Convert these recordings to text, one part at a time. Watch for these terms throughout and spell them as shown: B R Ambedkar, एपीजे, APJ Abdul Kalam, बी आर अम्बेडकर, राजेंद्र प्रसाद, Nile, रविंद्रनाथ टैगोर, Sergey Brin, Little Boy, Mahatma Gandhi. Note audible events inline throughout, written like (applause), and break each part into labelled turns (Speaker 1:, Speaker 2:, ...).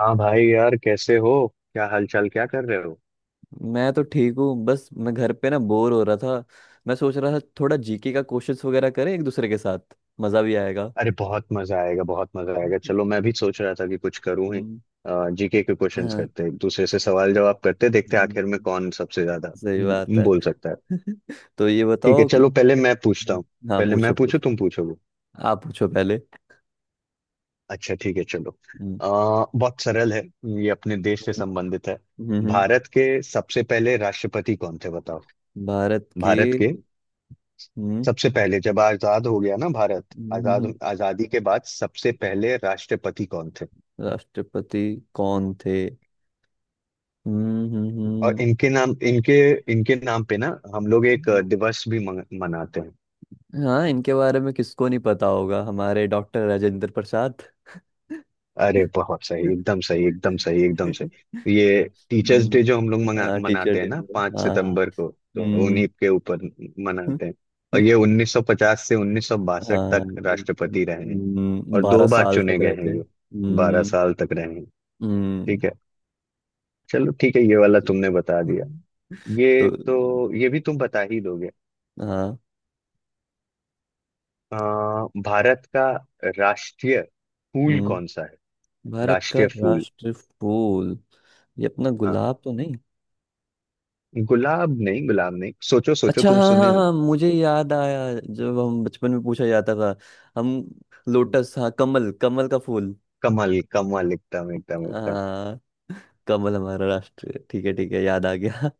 Speaker 1: हाँ भाई यार, कैसे हो? क्या हालचाल, क्या कर रहे हो?
Speaker 2: मैं तो ठीक हूँ, बस मैं घर पे ना बोर हो रहा था। मैं सोच रहा था थोड़ा जीके का क्वेश्चंस वगैरह करें एक दूसरे के साथ। मजा भी आएगा।
Speaker 1: अरे बहुत मजा आएगा, बहुत मजा आएगा। चलो,
Speaker 2: (laughs)
Speaker 1: मैं भी सोच रहा था कि कुछ करूं ही।
Speaker 2: हम्म।
Speaker 1: जीके के क्वेश्चंस
Speaker 2: हाँ।
Speaker 1: करते हैं, एक दूसरे से सवाल जवाब करते हैं, देखते हैं आखिर में
Speaker 2: हम्म।
Speaker 1: कौन सबसे ज्यादा
Speaker 2: सही बात है।
Speaker 1: बोल सकता है।
Speaker 2: (laughs) तो ये
Speaker 1: ठीक है,
Speaker 2: बताओ कि
Speaker 1: चलो पहले मैं पूछता हूँ।
Speaker 2: हाँ
Speaker 1: पहले मैं
Speaker 2: पूछो
Speaker 1: पूछूं,
Speaker 2: पूछो।
Speaker 1: तुम पूछोगे।
Speaker 2: आप पूछो पहले।
Speaker 1: अच्छा ठीक है, चलो।
Speaker 2: हम्म।
Speaker 1: अ, बहुत सरल है। ये अपने देश से
Speaker 2: हम्म।
Speaker 1: संबंधित है।
Speaker 2: हम्म। हम्म।
Speaker 1: भारत के सबसे पहले राष्ट्रपति कौन थे, बताओ?
Speaker 2: भारत के।
Speaker 1: भारत के
Speaker 2: हम्म।
Speaker 1: सबसे पहले, जब आजाद हो गया ना भारत,
Speaker 2: हम्म। हम्म।
Speaker 1: आजाद
Speaker 2: हम्म।
Speaker 1: आजादी के बाद सबसे पहले राष्ट्रपति कौन थे?
Speaker 2: राष्ट्रपति कौन थे। हम्म।
Speaker 1: और
Speaker 2: हम्म।
Speaker 1: इनके नाम, इनके इनके नाम पे ना, हम लोग एक
Speaker 2: हम्म।
Speaker 1: दिवस भी मनाते हैं।
Speaker 2: हाँ, इनके बारे में किसको नहीं पता होगा, हमारे डॉक्टर राजेंद्र प्रसाद। (laughs)
Speaker 1: अरे बहुत सही, एकदम सही, एकदम सही, एकदम
Speaker 2: हम्म।
Speaker 1: सही। ये टीचर्स डे जो हम लोग
Speaker 2: हाँ, टीचर
Speaker 1: मनाते हैं
Speaker 2: डे
Speaker 1: ना,
Speaker 2: में।
Speaker 1: पांच
Speaker 2: हाँ हाँ।
Speaker 1: सितंबर को। तो उन्हीं
Speaker 2: हम्म।
Speaker 1: के ऊपर
Speaker 2: हाँ।
Speaker 1: मनाते हैं। और ये 1950 से 1962 तक राष्ट्रपति रहे हैं, और
Speaker 2: बारह
Speaker 1: दो बार
Speaker 2: साल तक
Speaker 1: चुने गए
Speaker 2: रहे
Speaker 1: हैं
Speaker 2: थे।
Speaker 1: ये। बारह
Speaker 2: हम्म।
Speaker 1: साल तक रहे हैं।
Speaker 2: हम्म।
Speaker 1: ठीक है, चलो ठीक है, ये वाला तुमने बता दिया।
Speaker 2: तो
Speaker 1: ये तो, ये भी तुम बता ही दोगे।
Speaker 2: हाँ।
Speaker 1: भारत का राष्ट्रीय फूल कौन
Speaker 2: हम्म।
Speaker 1: सा है?
Speaker 2: भारत का
Speaker 1: राष्ट्रीय फूल।
Speaker 2: राष्ट्र फूल। ये अपना
Speaker 1: हाँ,
Speaker 2: गुलाब तो नहीं।
Speaker 1: गुलाब नहीं, गुलाब नहीं, सोचो सोचो,
Speaker 2: अच्छा
Speaker 1: तुम
Speaker 2: हाँ
Speaker 1: सुने
Speaker 2: हाँ
Speaker 1: हो।
Speaker 2: हाँ, मुझे याद आया। जब हम बचपन में पूछा जाता था। हम लोटस, हाँ, कमल, कमल का फूल।
Speaker 1: कमल, कमल, एकदम एकदम एकदम,
Speaker 2: हाँ, कमल हमारा राष्ट्र है। ठीक है ठीक है, याद आ गया।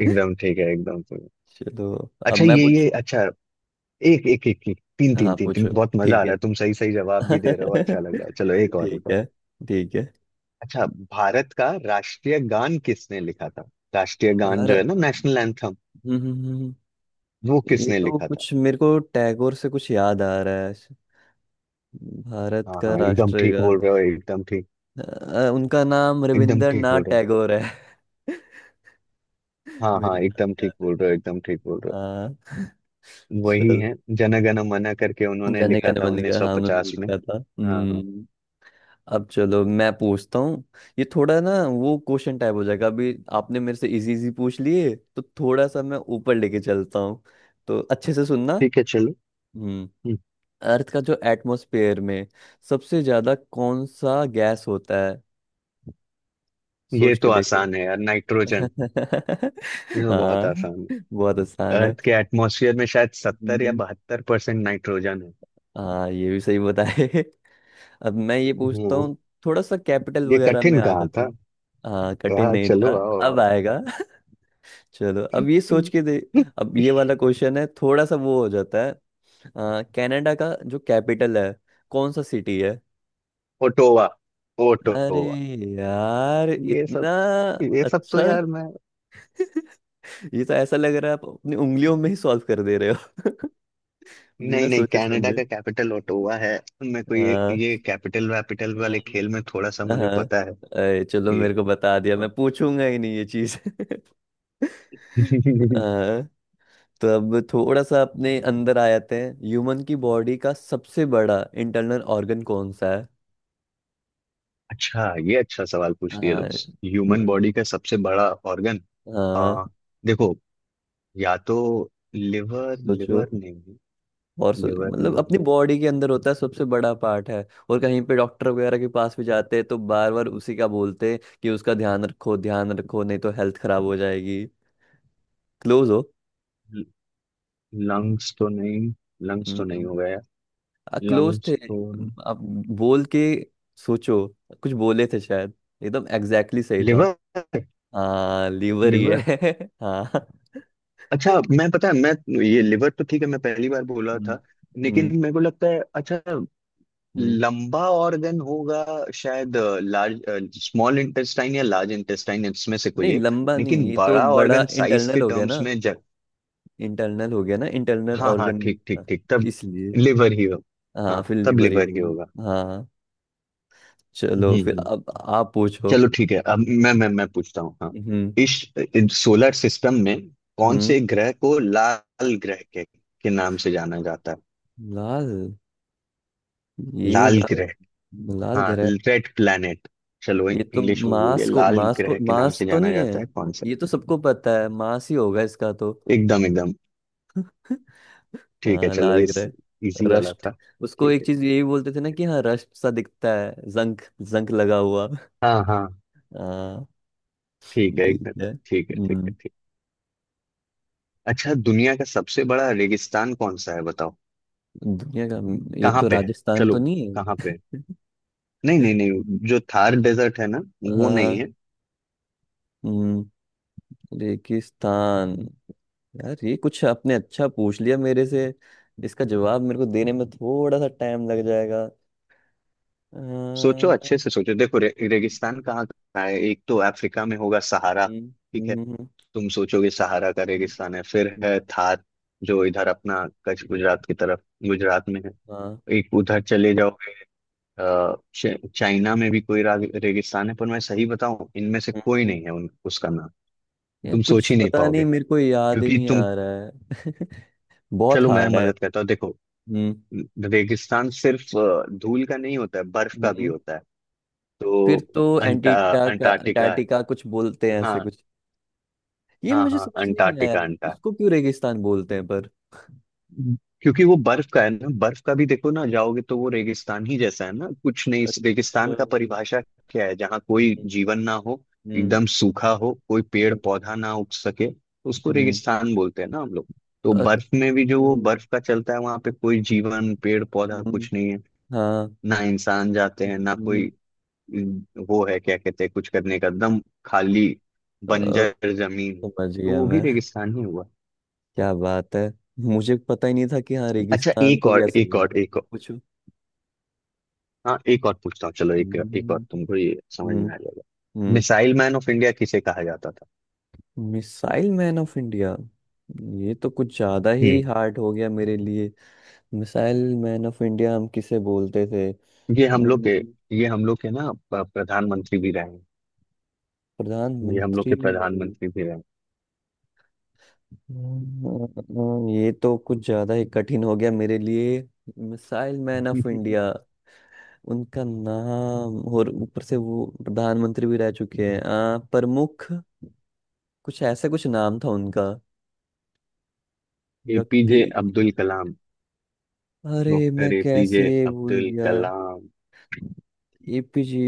Speaker 1: एकदम ठीक है, एकदम ठीक है।
Speaker 2: चलो अब
Speaker 1: अच्छा,
Speaker 2: मैं
Speaker 1: ये
Speaker 2: पूछू।
Speaker 1: अच्छा। एक एक एक, एक, तीन तीन
Speaker 2: हाँ
Speaker 1: तीन तीन,
Speaker 2: पूछो।
Speaker 1: बहुत मजा आ
Speaker 2: ठीक
Speaker 1: रहा
Speaker 2: है।
Speaker 1: है, तुम सही सही जवाब
Speaker 2: (laughs)
Speaker 1: भी दे रहे हो, अच्छा लग रहा है। चलो, एक और, एक
Speaker 2: ठीक
Speaker 1: और।
Speaker 2: है। ठीक है।
Speaker 1: अच्छा, भारत का राष्ट्रीय गान किसने लिखा था? राष्ट्रीय गान जो है
Speaker 2: भारत,
Speaker 1: ना, नेशनल एंथम,
Speaker 2: हम्म। हम्म। हम्म। हम्म।
Speaker 1: वो
Speaker 2: ये
Speaker 1: किसने
Speaker 2: तो
Speaker 1: लिखा था?
Speaker 2: कुछ मेरे को टैगोर से कुछ याद आ रहा है। भारत
Speaker 1: हाँ
Speaker 2: का
Speaker 1: हाँ, एकदम ठीक
Speaker 2: राष्ट्रगान।
Speaker 1: बोल रहे हो, एकदम ठीक,
Speaker 2: उनका नाम
Speaker 1: एकदम ठीक
Speaker 2: रविंद्रनाथ
Speaker 1: बोल रहे हो।
Speaker 2: टैगोर है। (laughs)
Speaker 1: हाँ
Speaker 2: मेरे
Speaker 1: हाँ,
Speaker 2: को
Speaker 1: एकदम
Speaker 2: नाम
Speaker 1: ठीक
Speaker 2: याद है।
Speaker 1: बोल रहे हो, एकदम ठीक बोल रहे
Speaker 2: हाँ।
Speaker 1: हो। वही
Speaker 2: चलो,
Speaker 1: है, जन गण मन करके उन्होंने
Speaker 2: जाने
Speaker 1: लिखा
Speaker 2: गाने
Speaker 1: था
Speaker 2: बने का, हाँ उन्होंने
Speaker 1: 1950 में।
Speaker 2: लिखा था।
Speaker 1: हाँ हाँ,
Speaker 2: हम्म। अब चलो मैं पूछता हूँ। ये थोड़ा ना वो क्वेश्चन टाइप हो जाएगा। अभी आपने मेरे से इजी इजी पूछ लिए तो थोड़ा सा मैं ऊपर लेके चलता हूँ। तो अच्छे से सुनना।
Speaker 1: ठीक है, चलो।
Speaker 2: हम्म।
Speaker 1: हम्म,
Speaker 2: अर्थ का जो एटमॉस्फेयर में सबसे ज्यादा कौन सा गैस होता है।
Speaker 1: ये
Speaker 2: सोच के
Speaker 1: तो
Speaker 2: देखो।
Speaker 1: आसान है यार, नाइट्रोजन।
Speaker 2: (laughs)
Speaker 1: ये तो बहुत
Speaker 2: हाँ,
Speaker 1: आसान
Speaker 2: बहुत
Speaker 1: है।
Speaker 2: आसान है।
Speaker 1: अर्थ के एटमॉस्फेयर में शायद सत्तर या
Speaker 2: हम्म।
Speaker 1: बहत्तर परसेंट नाइट्रोजन है।
Speaker 2: हाँ, ये भी सही बताए। (laughs) अब मैं ये पूछता
Speaker 1: हाँ,
Speaker 2: हूँ। थोड़ा सा कैपिटल
Speaker 1: ये
Speaker 2: वगैरह में
Speaker 1: कठिन
Speaker 2: आ
Speaker 1: कहाँ
Speaker 2: जाता
Speaker 1: था?
Speaker 2: हूँ। हाँ, कठिन
Speaker 1: हाँ
Speaker 2: नहीं था।
Speaker 1: चलो, आओ
Speaker 2: अब
Speaker 1: आओ।
Speaker 2: आएगा। (laughs) चलो अब ये सोच
Speaker 1: (laughs)
Speaker 2: के दे। अब ये वाला क्वेश्चन है, थोड़ा सा वो हो जाता है। कनाडा का जो कैपिटल है, कौन सा सिटी है।
Speaker 1: ओटोवा,
Speaker 2: अरे
Speaker 1: ओटोवा।
Speaker 2: यार,
Speaker 1: ये
Speaker 2: इतना।
Speaker 1: सब ये सब तो
Speaker 2: अच्छा।
Speaker 1: यार मैं।
Speaker 2: (laughs) ये तो ऐसा लग रहा है आप अपनी उंगलियों में ही सॉल्व कर दे रहे हो। (laughs)
Speaker 1: नहीं
Speaker 2: बिना
Speaker 1: नहीं,
Speaker 2: सोचे
Speaker 1: कनाडा
Speaker 2: समझे।
Speaker 1: का कैपिटल ओटावा है। मेरे को ये
Speaker 2: हाँ।
Speaker 1: ये कैपिटल वैपिटल वाले
Speaker 2: हम्म।
Speaker 1: खेल में थोड़ा सा मुझे
Speaker 2: हाँ।
Speaker 1: पता है।
Speaker 2: अरे चलो
Speaker 1: ये।
Speaker 2: मेरे को बता दिया, मैं पूछूंगा ही नहीं ये चीज। (laughs)
Speaker 1: (laughs)
Speaker 2: हाँ। तो अब थोड़ा सा अपने अंदर आ जाते हैं। ह्यूमन की बॉडी का सबसे बड़ा इंटरनल ऑर्गन कौन सा है।
Speaker 1: अच्छा, ये अच्छा सवाल पूछ दिया
Speaker 2: हाँ।
Speaker 1: दोस्त, ह्यूमन
Speaker 2: हम्म।
Speaker 1: बॉडी का सबसे बड़ा ऑर्गन।
Speaker 2: हाँ।
Speaker 1: आ, देखो, या तो लिवर,
Speaker 2: सोचो।
Speaker 1: लिवर नहीं है?
Speaker 2: और
Speaker 1: लिवर
Speaker 2: मतलब अपनी
Speaker 1: नहीं
Speaker 2: बॉडी के अंदर होता है, सबसे बड़ा पार्ट है, और कहीं पे डॉक्टर वगैरह के पास भी जाते हैं तो बार बार उसी का बोलते हैं कि उसका ध्यान रखो ध्यान रखो, नहीं तो हेल्थ खराब हो जाएगी। क्लोज हो।
Speaker 1: है। लंग्स तो नहीं, लंग्स तो नहीं हो गया,
Speaker 2: क्लोज
Speaker 1: लंग्स
Speaker 2: थे।
Speaker 1: तो नहीं?
Speaker 2: अब बोल के सोचो, कुछ बोले थे शायद, एकदम एग्जैक्टली सही था।
Speaker 1: लिवर,
Speaker 2: हाँ, लीवर ही
Speaker 1: लिवर।
Speaker 2: है। (laughs) हाँ।
Speaker 1: अच्छा, मैं पता है मैं, ये लिवर तो ठीक है, मैं पहली बार बोला
Speaker 2: हम्म।
Speaker 1: था। लेकिन
Speaker 2: हम्म।
Speaker 1: मेरे को लगता है अच्छा
Speaker 2: हम्म।
Speaker 1: लंबा ऑर्गन होगा शायद, लार्ज स्मॉल इंटेस्टाइन या लार्ज इंटेस्टाइन, इसमें से
Speaker 2: नहीं,
Speaker 1: कोई एक।
Speaker 2: लंबा नहीं,
Speaker 1: लेकिन
Speaker 2: ये तो
Speaker 1: बड़ा
Speaker 2: बड़ा
Speaker 1: ऑर्गन, साइज
Speaker 2: इंटरनल
Speaker 1: के
Speaker 2: हो गया
Speaker 1: टर्म्स
Speaker 2: ना।
Speaker 1: में जब।
Speaker 2: इंटरनल हो गया ना, इंटरनल
Speaker 1: हाँ हाँ,
Speaker 2: ऑर्गन,
Speaker 1: ठीक ठीक ठीक, तब
Speaker 2: इसलिए।
Speaker 1: लिवर ही होगा,
Speaker 2: हाँ,
Speaker 1: हाँ
Speaker 2: फिर
Speaker 1: तब
Speaker 2: लीवर ही
Speaker 1: लिवर ही होगा।
Speaker 2: होगा हाँ।
Speaker 1: हम्म,
Speaker 2: चलो फिर अब आप पूछो।
Speaker 1: चलो ठीक है, अब मैं पूछता हूँ। हाँ,
Speaker 2: हम्म।
Speaker 1: इस सोलर सिस्टम में कौन
Speaker 2: हम्म।
Speaker 1: से ग्रह को लाल ग्रह के नाम से जाना जाता है?
Speaker 2: लाल। ये
Speaker 1: लाल
Speaker 2: लाल।
Speaker 1: ग्रह,
Speaker 2: लाल
Speaker 1: हाँ,
Speaker 2: ग्रह।
Speaker 1: Red planet. चलो,
Speaker 2: ये तो
Speaker 1: इंग्लिश में बोल दिया,
Speaker 2: मांस को
Speaker 1: लाल
Speaker 2: मांस को
Speaker 1: ग्रह के नाम
Speaker 2: मांस
Speaker 1: से
Speaker 2: तो
Speaker 1: जाना
Speaker 2: नहीं
Speaker 1: जाता
Speaker 2: है।
Speaker 1: है कौन सा?
Speaker 2: ये तो सबको पता है, मांस ही होगा इसका तो।
Speaker 1: एकदम एकदम, ठीक है,
Speaker 2: हाँ,
Speaker 1: चलो,
Speaker 2: लाल
Speaker 1: ये
Speaker 2: ग्रह।
Speaker 1: इजी वाला
Speaker 2: रस्ट।
Speaker 1: था।
Speaker 2: उसको
Speaker 1: ठीक
Speaker 2: एक
Speaker 1: है
Speaker 2: चीज
Speaker 1: ठीक,
Speaker 2: यही बोलते थे ना कि हाँ रस्ट सा दिखता है, जंक जंक लगा हुआ।
Speaker 1: हाँ हाँ,
Speaker 2: हाँ।
Speaker 1: ठीक है
Speaker 2: ठीक
Speaker 1: एकदम,
Speaker 2: है।
Speaker 1: ठीक है, ठीक है
Speaker 2: हम्म।
Speaker 1: ठीक। अच्छा, दुनिया का सबसे बड़ा रेगिस्तान कौन सा है, बताओ?
Speaker 2: दुनिया का। ये
Speaker 1: कहाँ
Speaker 2: तो
Speaker 1: पे है,
Speaker 2: राजस्थान
Speaker 1: चलो
Speaker 2: तो नहीं
Speaker 1: कहाँ
Speaker 2: है।
Speaker 1: पे है? नहीं नहीं नहीं, जो थार डेजर्ट है ना, वो नहीं
Speaker 2: हाँ।
Speaker 1: है।
Speaker 2: हम्म। रेगिस्तान। यार ये कुछ आपने अच्छा पूछ लिया मेरे से। इसका जवाब मेरे को देने में थोड़ा सा टाइम लग जाएगा।
Speaker 1: सोचो, अच्छे
Speaker 2: हम्म।
Speaker 1: से सोचो, देखो रे, रेगिस्तान कहाँ कहाँ है? एक तो अफ्रीका में होगा, सहारा। ठीक है।
Speaker 2: हम्म।
Speaker 1: तुम सोचोगे सहारा का
Speaker 2: हम्म।
Speaker 1: रेगिस्तान है, फिर
Speaker 2: हम्म।
Speaker 1: है थार, जो इधर अपना कच्छ गुजरात की तरफ, गुजरात में है। एक उधर चले जाओ। अ, चाइना में भी कोई रेगिस्तान है, पर मैं सही बताऊं, इनमें से कोई
Speaker 2: हाँ,
Speaker 1: नहीं है उन उसका नाम।
Speaker 2: यार
Speaker 1: तुम सोच
Speaker 2: कुछ
Speaker 1: ही नहीं
Speaker 2: पता नहीं,
Speaker 1: पाओगे,
Speaker 2: मेरे को याद ही
Speaker 1: क्योंकि
Speaker 2: नहीं
Speaker 1: तुम।
Speaker 2: आ रहा है। (laughs) बहुत
Speaker 1: चलो, मैं
Speaker 2: हार्ड है।
Speaker 1: मदद करता हूँ, देखो।
Speaker 2: हम्म।
Speaker 1: रेगिस्तान सिर्फ धूल का नहीं होता है, बर्फ का भी
Speaker 2: हम्म।
Speaker 1: होता है।
Speaker 2: फिर
Speaker 1: तो
Speaker 2: तो
Speaker 1: अंटा
Speaker 2: एंटीटा का
Speaker 1: अंटार्कटिका है।
Speaker 2: अंटार्कटिका कुछ बोलते हैं ऐसे
Speaker 1: हाँ
Speaker 2: कुछ। ये
Speaker 1: हाँ
Speaker 2: मुझे
Speaker 1: हाँ,
Speaker 2: समझ नहीं आया
Speaker 1: अंटार्कटिका,
Speaker 2: यार।
Speaker 1: अंटार्कटिका।
Speaker 2: उसको क्यों रेगिस्तान बोलते हैं पर।
Speaker 1: क्योंकि वो बर्फ का है ना, बर्फ का भी देखो ना, जाओगे तो वो
Speaker 2: हम्म।
Speaker 1: रेगिस्तान ही जैसा है ना, कुछ नहीं। इस रेगिस्तान
Speaker 2: अच्छा।
Speaker 1: का परिभाषा क्या है? जहाँ कोई
Speaker 2: हम्म।
Speaker 1: जीवन ना हो, एकदम सूखा हो, कोई पेड़
Speaker 2: हम्म।
Speaker 1: पौधा ना उग सके, तो उसको
Speaker 2: हम्म।
Speaker 1: रेगिस्तान बोलते हैं ना हम लोग। तो
Speaker 2: अच्छा।
Speaker 1: बर्फ में भी, जो वो
Speaker 2: हम्म।
Speaker 1: बर्फ का चलता है, वहां पे कोई जीवन, पेड़ पौधा कुछ नहीं है,
Speaker 2: हाँ।
Speaker 1: ना इंसान जाते हैं, ना
Speaker 2: हम्म।
Speaker 1: कोई। वो है क्या कहते हैं, कुछ करने का एकदम खाली,
Speaker 2: अ,
Speaker 1: बंजर जमीन,
Speaker 2: समझ
Speaker 1: तो
Speaker 2: गया
Speaker 1: वो भी
Speaker 2: मैं।
Speaker 1: रेगिस्तान ही हुआ।
Speaker 2: क्या बात है, मुझे पता ही नहीं था कि हाँ
Speaker 1: अच्छा
Speaker 2: रेगिस्तान
Speaker 1: एक
Speaker 2: को भी
Speaker 1: और,
Speaker 2: ऐसे
Speaker 1: एक
Speaker 2: बोलते
Speaker 1: और,
Speaker 2: हैं।
Speaker 1: एक और।
Speaker 2: पूछो।
Speaker 1: हाँ एक और पूछता हूँ, चलो एक एक और
Speaker 2: हम्म।
Speaker 1: तुमको ये समझ
Speaker 2: हम्म।
Speaker 1: में आ जाएगा।
Speaker 2: हम्म।
Speaker 1: मिसाइल मैन ऑफ इंडिया किसे कहा जाता था?
Speaker 2: Missile man of India. ये तो कुछ ज्यादा
Speaker 1: हम्म।
Speaker 2: ही हार्ड हो गया मेरे लिए। मिसाइल मैन ऑफ इंडिया हम किसे बोलते थे।
Speaker 1: ये हम लोग के
Speaker 2: हम्म।
Speaker 1: ये हम लोग के ना प्रधानमंत्री भी रहे हैं। ये हम लोग
Speaker 2: प्रधानमंत्री
Speaker 1: के
Speaker 2: नहीं।
Speaker 1: प्रधानमंत्री भी रहे
Speaker 2: हम्म। ये तो कुछ ज्यादा ही कठिन हो गया मेरे लिए। मिसाइल मैन ऑफ
Speaker 1: हैं।
Speaker 2: इंडिया, उनका नाम, और ऊपर से वो प्रधानमंत्री भी रह चुके हैं। प्रमुख, कुछ ऐसा कुछ नाम था उनका,
Speaker 1: (laughs)
Speaker 2: व्यक्ति।
Speaker 1: एपीजे अब्दुल कलाम,
Speaker 2: अरे मैं
Speaker 1: डॉक्टर एपीजे
Speaker 2: कैसे भूल
Speaker 1: अब्दुल
Speaker 2: गया।
Speaker 1: कलाम।
Speaker 2: एपीजे।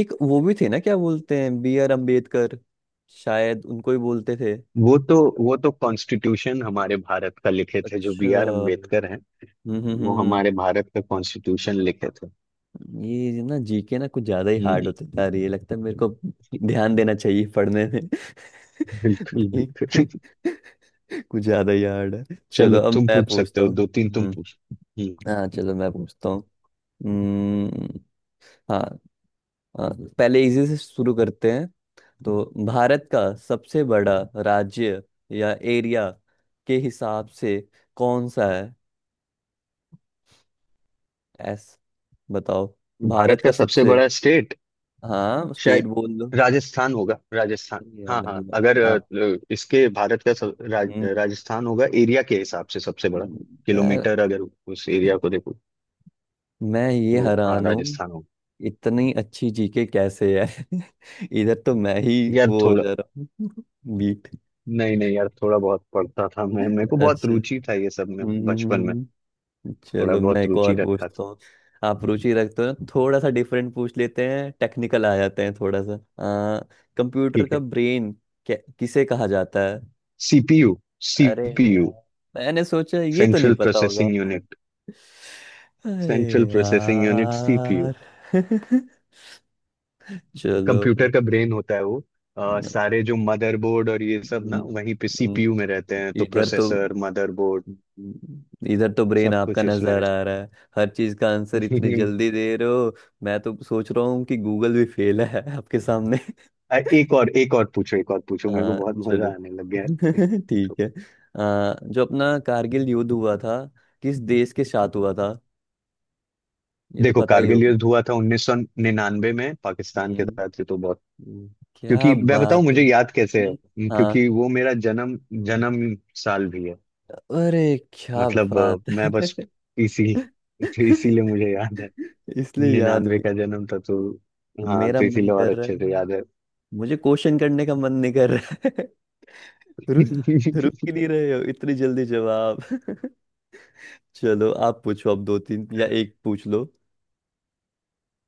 Speaker 2: एक वो भी थे ना, क्या बोलते हैं, बी आर अम्बेडकर, शायद उनको ही बोलते थे।
Speaker 1: वो तो वो तो कॉन्स्टिट्यूशन हमारे भारत का लिखे थे, जो
Speaker 2: अच्छा।
Speaker 1: बी आर अम्बेडकर हैं।
Speaker 2: हम्म। हम्म।
Speaker 1: वो
Speaker 2: हम्म।
Speaker 1: हमारे भारत का कॉन्स्टिट्यूशन लिखे थे।
Speaker 2: हम्म। ये ना जीके ना कुछ ज्यादा ही हार्ड
Speaker 1: हम्म।
Speaker 2: होता जा रही है लगता है, मेरे को ध्यान देना चाहिए पढ़ने में।
Speaker 1: (laughs)
Speaker 2: (laughs)
Speaker 1: बिल्कुल
Speaker 2: नहीं।
Speaker 1: बिल्कुल।
Speaker 2: (laughs) कुछ ज्यादा ही हार्ड है।
Speaker 1: (laughs) चलो,
Speaker 2: चलो अब
Speaker 1: तुम
Speaker 2: मैं
Speaker 1: पूछ सकते
Speaker 2: पूछता
Speaker 1: हो
Speaker 2: हूँ।
Speaker 1: दो तीन, तुम
Speaker 2: हम्म।
Speaker 1: पूछ। हम्म।
Speaker 2: हाँ चलो मैं पूछता हूँ। हम्म। हाँ। अ, पहले इजी से शुरू करते हैं। तो भारत का सबसे बड़ा राज्य या एरिया के हिसाब से कौन सा है, एस, बताओ। भारत
Speaker 1: भारत
Speaker 2: का
Speaker 1: का सबसे
Speaker 2: सबसे,
Speaker 1: बड़ा स्टेट,
Speaker 2: हाँ स्टेट
Speaker 1: शायद
Speaker 2: बोल दो।
Speaker 1: राजस्थान होगा, राजस्थान
Speaker 2: अरे यार,
Speaker 1: हाँ हाँ, अगर
Speaker 2: आप।
Speaker 1: इसके भारत का
Speaker 2: हम्म।
Speaker 1: राजस्थान होगा एरिया के हिसाब से सबसे बड़ा।
Speaker 2: यार।
Speaker 1: किलोमीटर, अगर उस एरिया को देखो
Speaker 2: मैं ये
Speaker 1: तो हाँ
Speaker 2: हैरान हूँ,
Speaker 1: राजस्थान होगा।
Speaker 2: इतनी अच्छी जीके कैसे है। (laughs) इधर तो मैं ही
Speaker 1: यार
Speaker 2: वो हो
Speaker 1: थोड़ा,
Speaker 2: जा रहा हूँ। (laughs) बीट।
Speaker 1: नहीं नहीं यार, थोड़ा बहुत पढ़ता था मैं, मेरे को बहुत
Speaker 2: अच्छा।
Speaker 1: रुचि था ये सब में
Speaker 2: हम्म। हम्म।
Speaker 1: बचपन में,
Speaker 2: हम्म।
Speaker 1: थोड़ा
Speaker 2: चलो मैं
Speaker 1: बहुत
Speaker 2: एक
Speaker 1: रुचि
Speaker 2: और
Speaker 1: रखा
Speaker 2: पूछता
Speaker 1: था।
Speaker 2: हूँ। आप रुचि रखते हो ना, थोड़ा सा डिफरेंट पूछ लेते हैं, टेक्निकल आ जाते हैं थोड़ा सा। कंप्यूटर
Speaker 1: ठीक
Speaker 2: का
Speaker 1: है।
Speaker 2: ब्रेन क्या किसे कहा जाता है।
Speaker 1: सीपीयू,
Speaker 2: अरे
Speaker 1: सीपीयू,
Speaker 2: यार, मैंने सोचा ये तो नहीं
Speaker 1: सेंट्रल
Speaker 2: पता होगा।
Speaker 1: प्रोसेसिंग
Speaker 2: (laughs)
Speaker 1: यूनिट,
Speaker 2: अरे
Speaker 1: सेंट्रल प्रोसेसिंग यूनिट सीपीयू।
Speaker 2: यार। (laughs) चलो।
Speaker 1: कंप्यूटर का ब्रेन होता है वो।
Speaker 2: हम्म।
Speaker 1: सारे जो मदरबोर्ड और ये सब ना, वहीं पे
Speaker 2: हम्म।
Speaker 1: सीपीयू में रहते हैं, तो
Speaker 2: इधर तो,
Speaker 1: प्रोसेसर, मदरबोर्ड
Speaker 2: इधर तो ब्रेन
Speaker 1: सब
Speaker 2: आपका
Speaker 1: कुछ उसमें
Speaker 2: नजर
Speaker 1: रहता
Speaker 2: आ रहा है। हर चीज का आंसर इतनी
Speaker 1: है। (laughs)
Speaker 2: जल्दी दे रहे हो। मैं तो सोच रहा हूँ कि गूगल भी फेल है। (laughs) आपके सामने।
Speaker 1: एक और, एक और पूछो, एक और पूछो, मेरे को
Speaker 2: हाँ
Speaker 1: बहुत
Speaker 2: चलो।
Speaker 1: मजा आने लग गया है।
Speaker 2: (laughs) ठीक है। जो अपना कारगिल युद्ध हुआ था किस देश के साथ हुआ था, ये तो
Speaker 1: देखो,
Speaker 2: पता ही
Speaker 1: कारगिल
Speaker 2: होगा।
Speaker 1: युद्ध हुआ था 1999 में पाकिस्तान के
Speaker 2: हम्म।
Speaker 1: साथ, ये तो बहुत।
Speaker 2: हम्म। क्या
Speaker 1: क्योंकि मैं बताऊं
Speaker 2: बात है।
Speaker 1: मुझे याद कैसे है,
Speaker 2: हम्म।
Speaker 1: क्योंकि
Speaker 2: हाँ।
Speaker 1: वो मेरा जन्म जन्म साल भी है,
Speaker 2: अरे क्या
Speaker 1: मतलब,
Speaker 2: बात
Speaker 1: मैं
Speaker 2: है।
Speaker 1: बस इसी। (laughs) तो इसीलिए
Speaker 2: (laughs)
Speaker 1: मुझे याद है,
Speaker 2: इसलिए याद
Speaker 1: 99
Speaker 2: भी।
Speaker 1: का जन्म था, तो हाँ,
Speaker 2: मेरा
Speaker 1: तो
Speaker 2: मन
Speaker 1: इसीलिए और
Speaker 2: कर रहा
Speaker 1: अच्छे से याद है।
Speaker 2: है, मुझे क्वेश्चन करने का मन नहीं कर रहा है। (laughs) रुक रुक
Speaker 1: (laughs)
Speaker 2: ही नहीं रहे हो, इतनी जल्दी जवाब। (laughs) चलो आप पूछो अब, दो तीन या एक पूछ लो।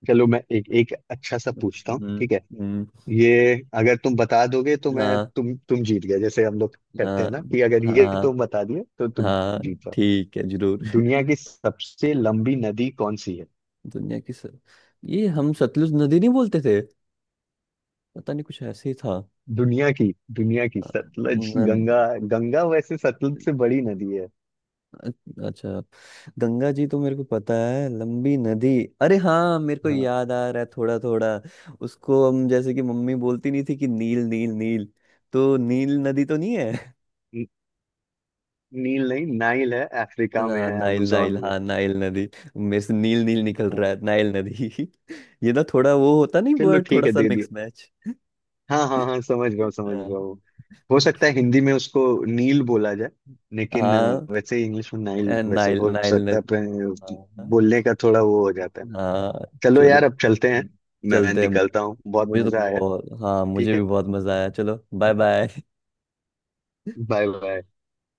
Speaker 1: चलो, मैं एक एक अच्छा सा पूछता हूँ,
Speaker 2: हम्म।
Speaker 1: ठीक है।
Speaker 2: हम्म।
Speaker 1: ये अगर तुम बता दोगे तो मैं,
Speaker 2: हाँ
Speaker 1: तुम जीत गए, जैसे हम लोग करते हैं
Speaker 2: हाँ
Speaker 1: ना कि अगर ये
Speaker 2: हाँ
Speaker 1: तुम बता दिए तो तुम
Speaker 2: हाँ।
Speaker 1: जीत जाओ।
Speaker 2: ठीक है, जरूर।
Speaker 1: दुनिया की सबसे लंबी नदी कौन सी है?
Speaker 2: (laughs) दुनिया की सर। ये हम सतलुज नदी नहीं बोलते थे। पता नहीं, कुछ ऐसे ही था।
Speaker 1: दुनिया की दुनिया की
Speaker 2: अ,
Speaker 1: सतलज,
Speaker 2: न,
Speaker 1: गंगा। गंगा वैसे सतलज से बड़ी नदी है।
Speaker 2: अच्छा। गंगा जी तो मेरे को पता है लंबी नदी। अरे हाँ, मेरे को
Speaker 1: हाँ,
Speaker 2: याद आ रहा है थोड़ा थोड़ा। उसको हम जैसे कि मम्मी बोलती नहीं थी कि नील नील नील, तो नील नदी तो नहीं है।
Speaker 1: नी- नील नहीं, नाइल है, अफ्रीका में
Speaker 2: हाँ
Speaker 1: है,
Speaker 2: नाइल नाइल,
Speaker 1: अमेजोन में।
Speaker 2: हाँ नाइल नदी। मेरे से नील नील निकल
Speaker 1: हाँ,
Speaker 2: रहा है, नाइल नदी। (laughs) ये ना थोड़ा वो होता नहीं,
Speaker 1: चलो
Speaker 2: वर्ड
Speaker 1: ठीक
Speaker 2: थोड़ा
Speaker 1: है,
Speaker 2: सा
Speaker 1: दे दिए।
Speaker 2: Mix match.
Speaker 1: हाँ
Speaker 2: (laughs)
Speaker 1: हाँ हाँ, समझ गया हूँ, समझ
Speaker 2: हाँ।
Speaker 1: गया हूँ। हो सकता है हिंदी में उसको नील बोला जाए, लेकिन
Speaker 2: हाँ।
Speaker 1: वैसे इंग्लिश में नाइल, वैसे
Speaker 2: नाइल
Speaker 1: हो
Speaker 2: नाइल
Speaker 1: सकता है
Speaker 2: नदी।
Speaker 1: पर
Speaker 2: हाँ।
Speaker 1: बोलने का थोड़ा वो हो जाता है।
Speaker 2: हाँ।
Speaker 1: चलो यार,
Speaker 2: चलो
Speaker 1: अब चलते हैं, मैं
Speaker 2: चलते हैं।
Speaker 1: निकलता हूँ, बहुत
Speaker 2: मुझे तो
Speaker 1: मजा आया।
Speaker 2: बहुत, हाँ, मुझे
Speaker 1: ठीक है,
Speaker 2: भी बहुत मजा आया। चलो बाय बाय।
Speaker 1: Bye bye.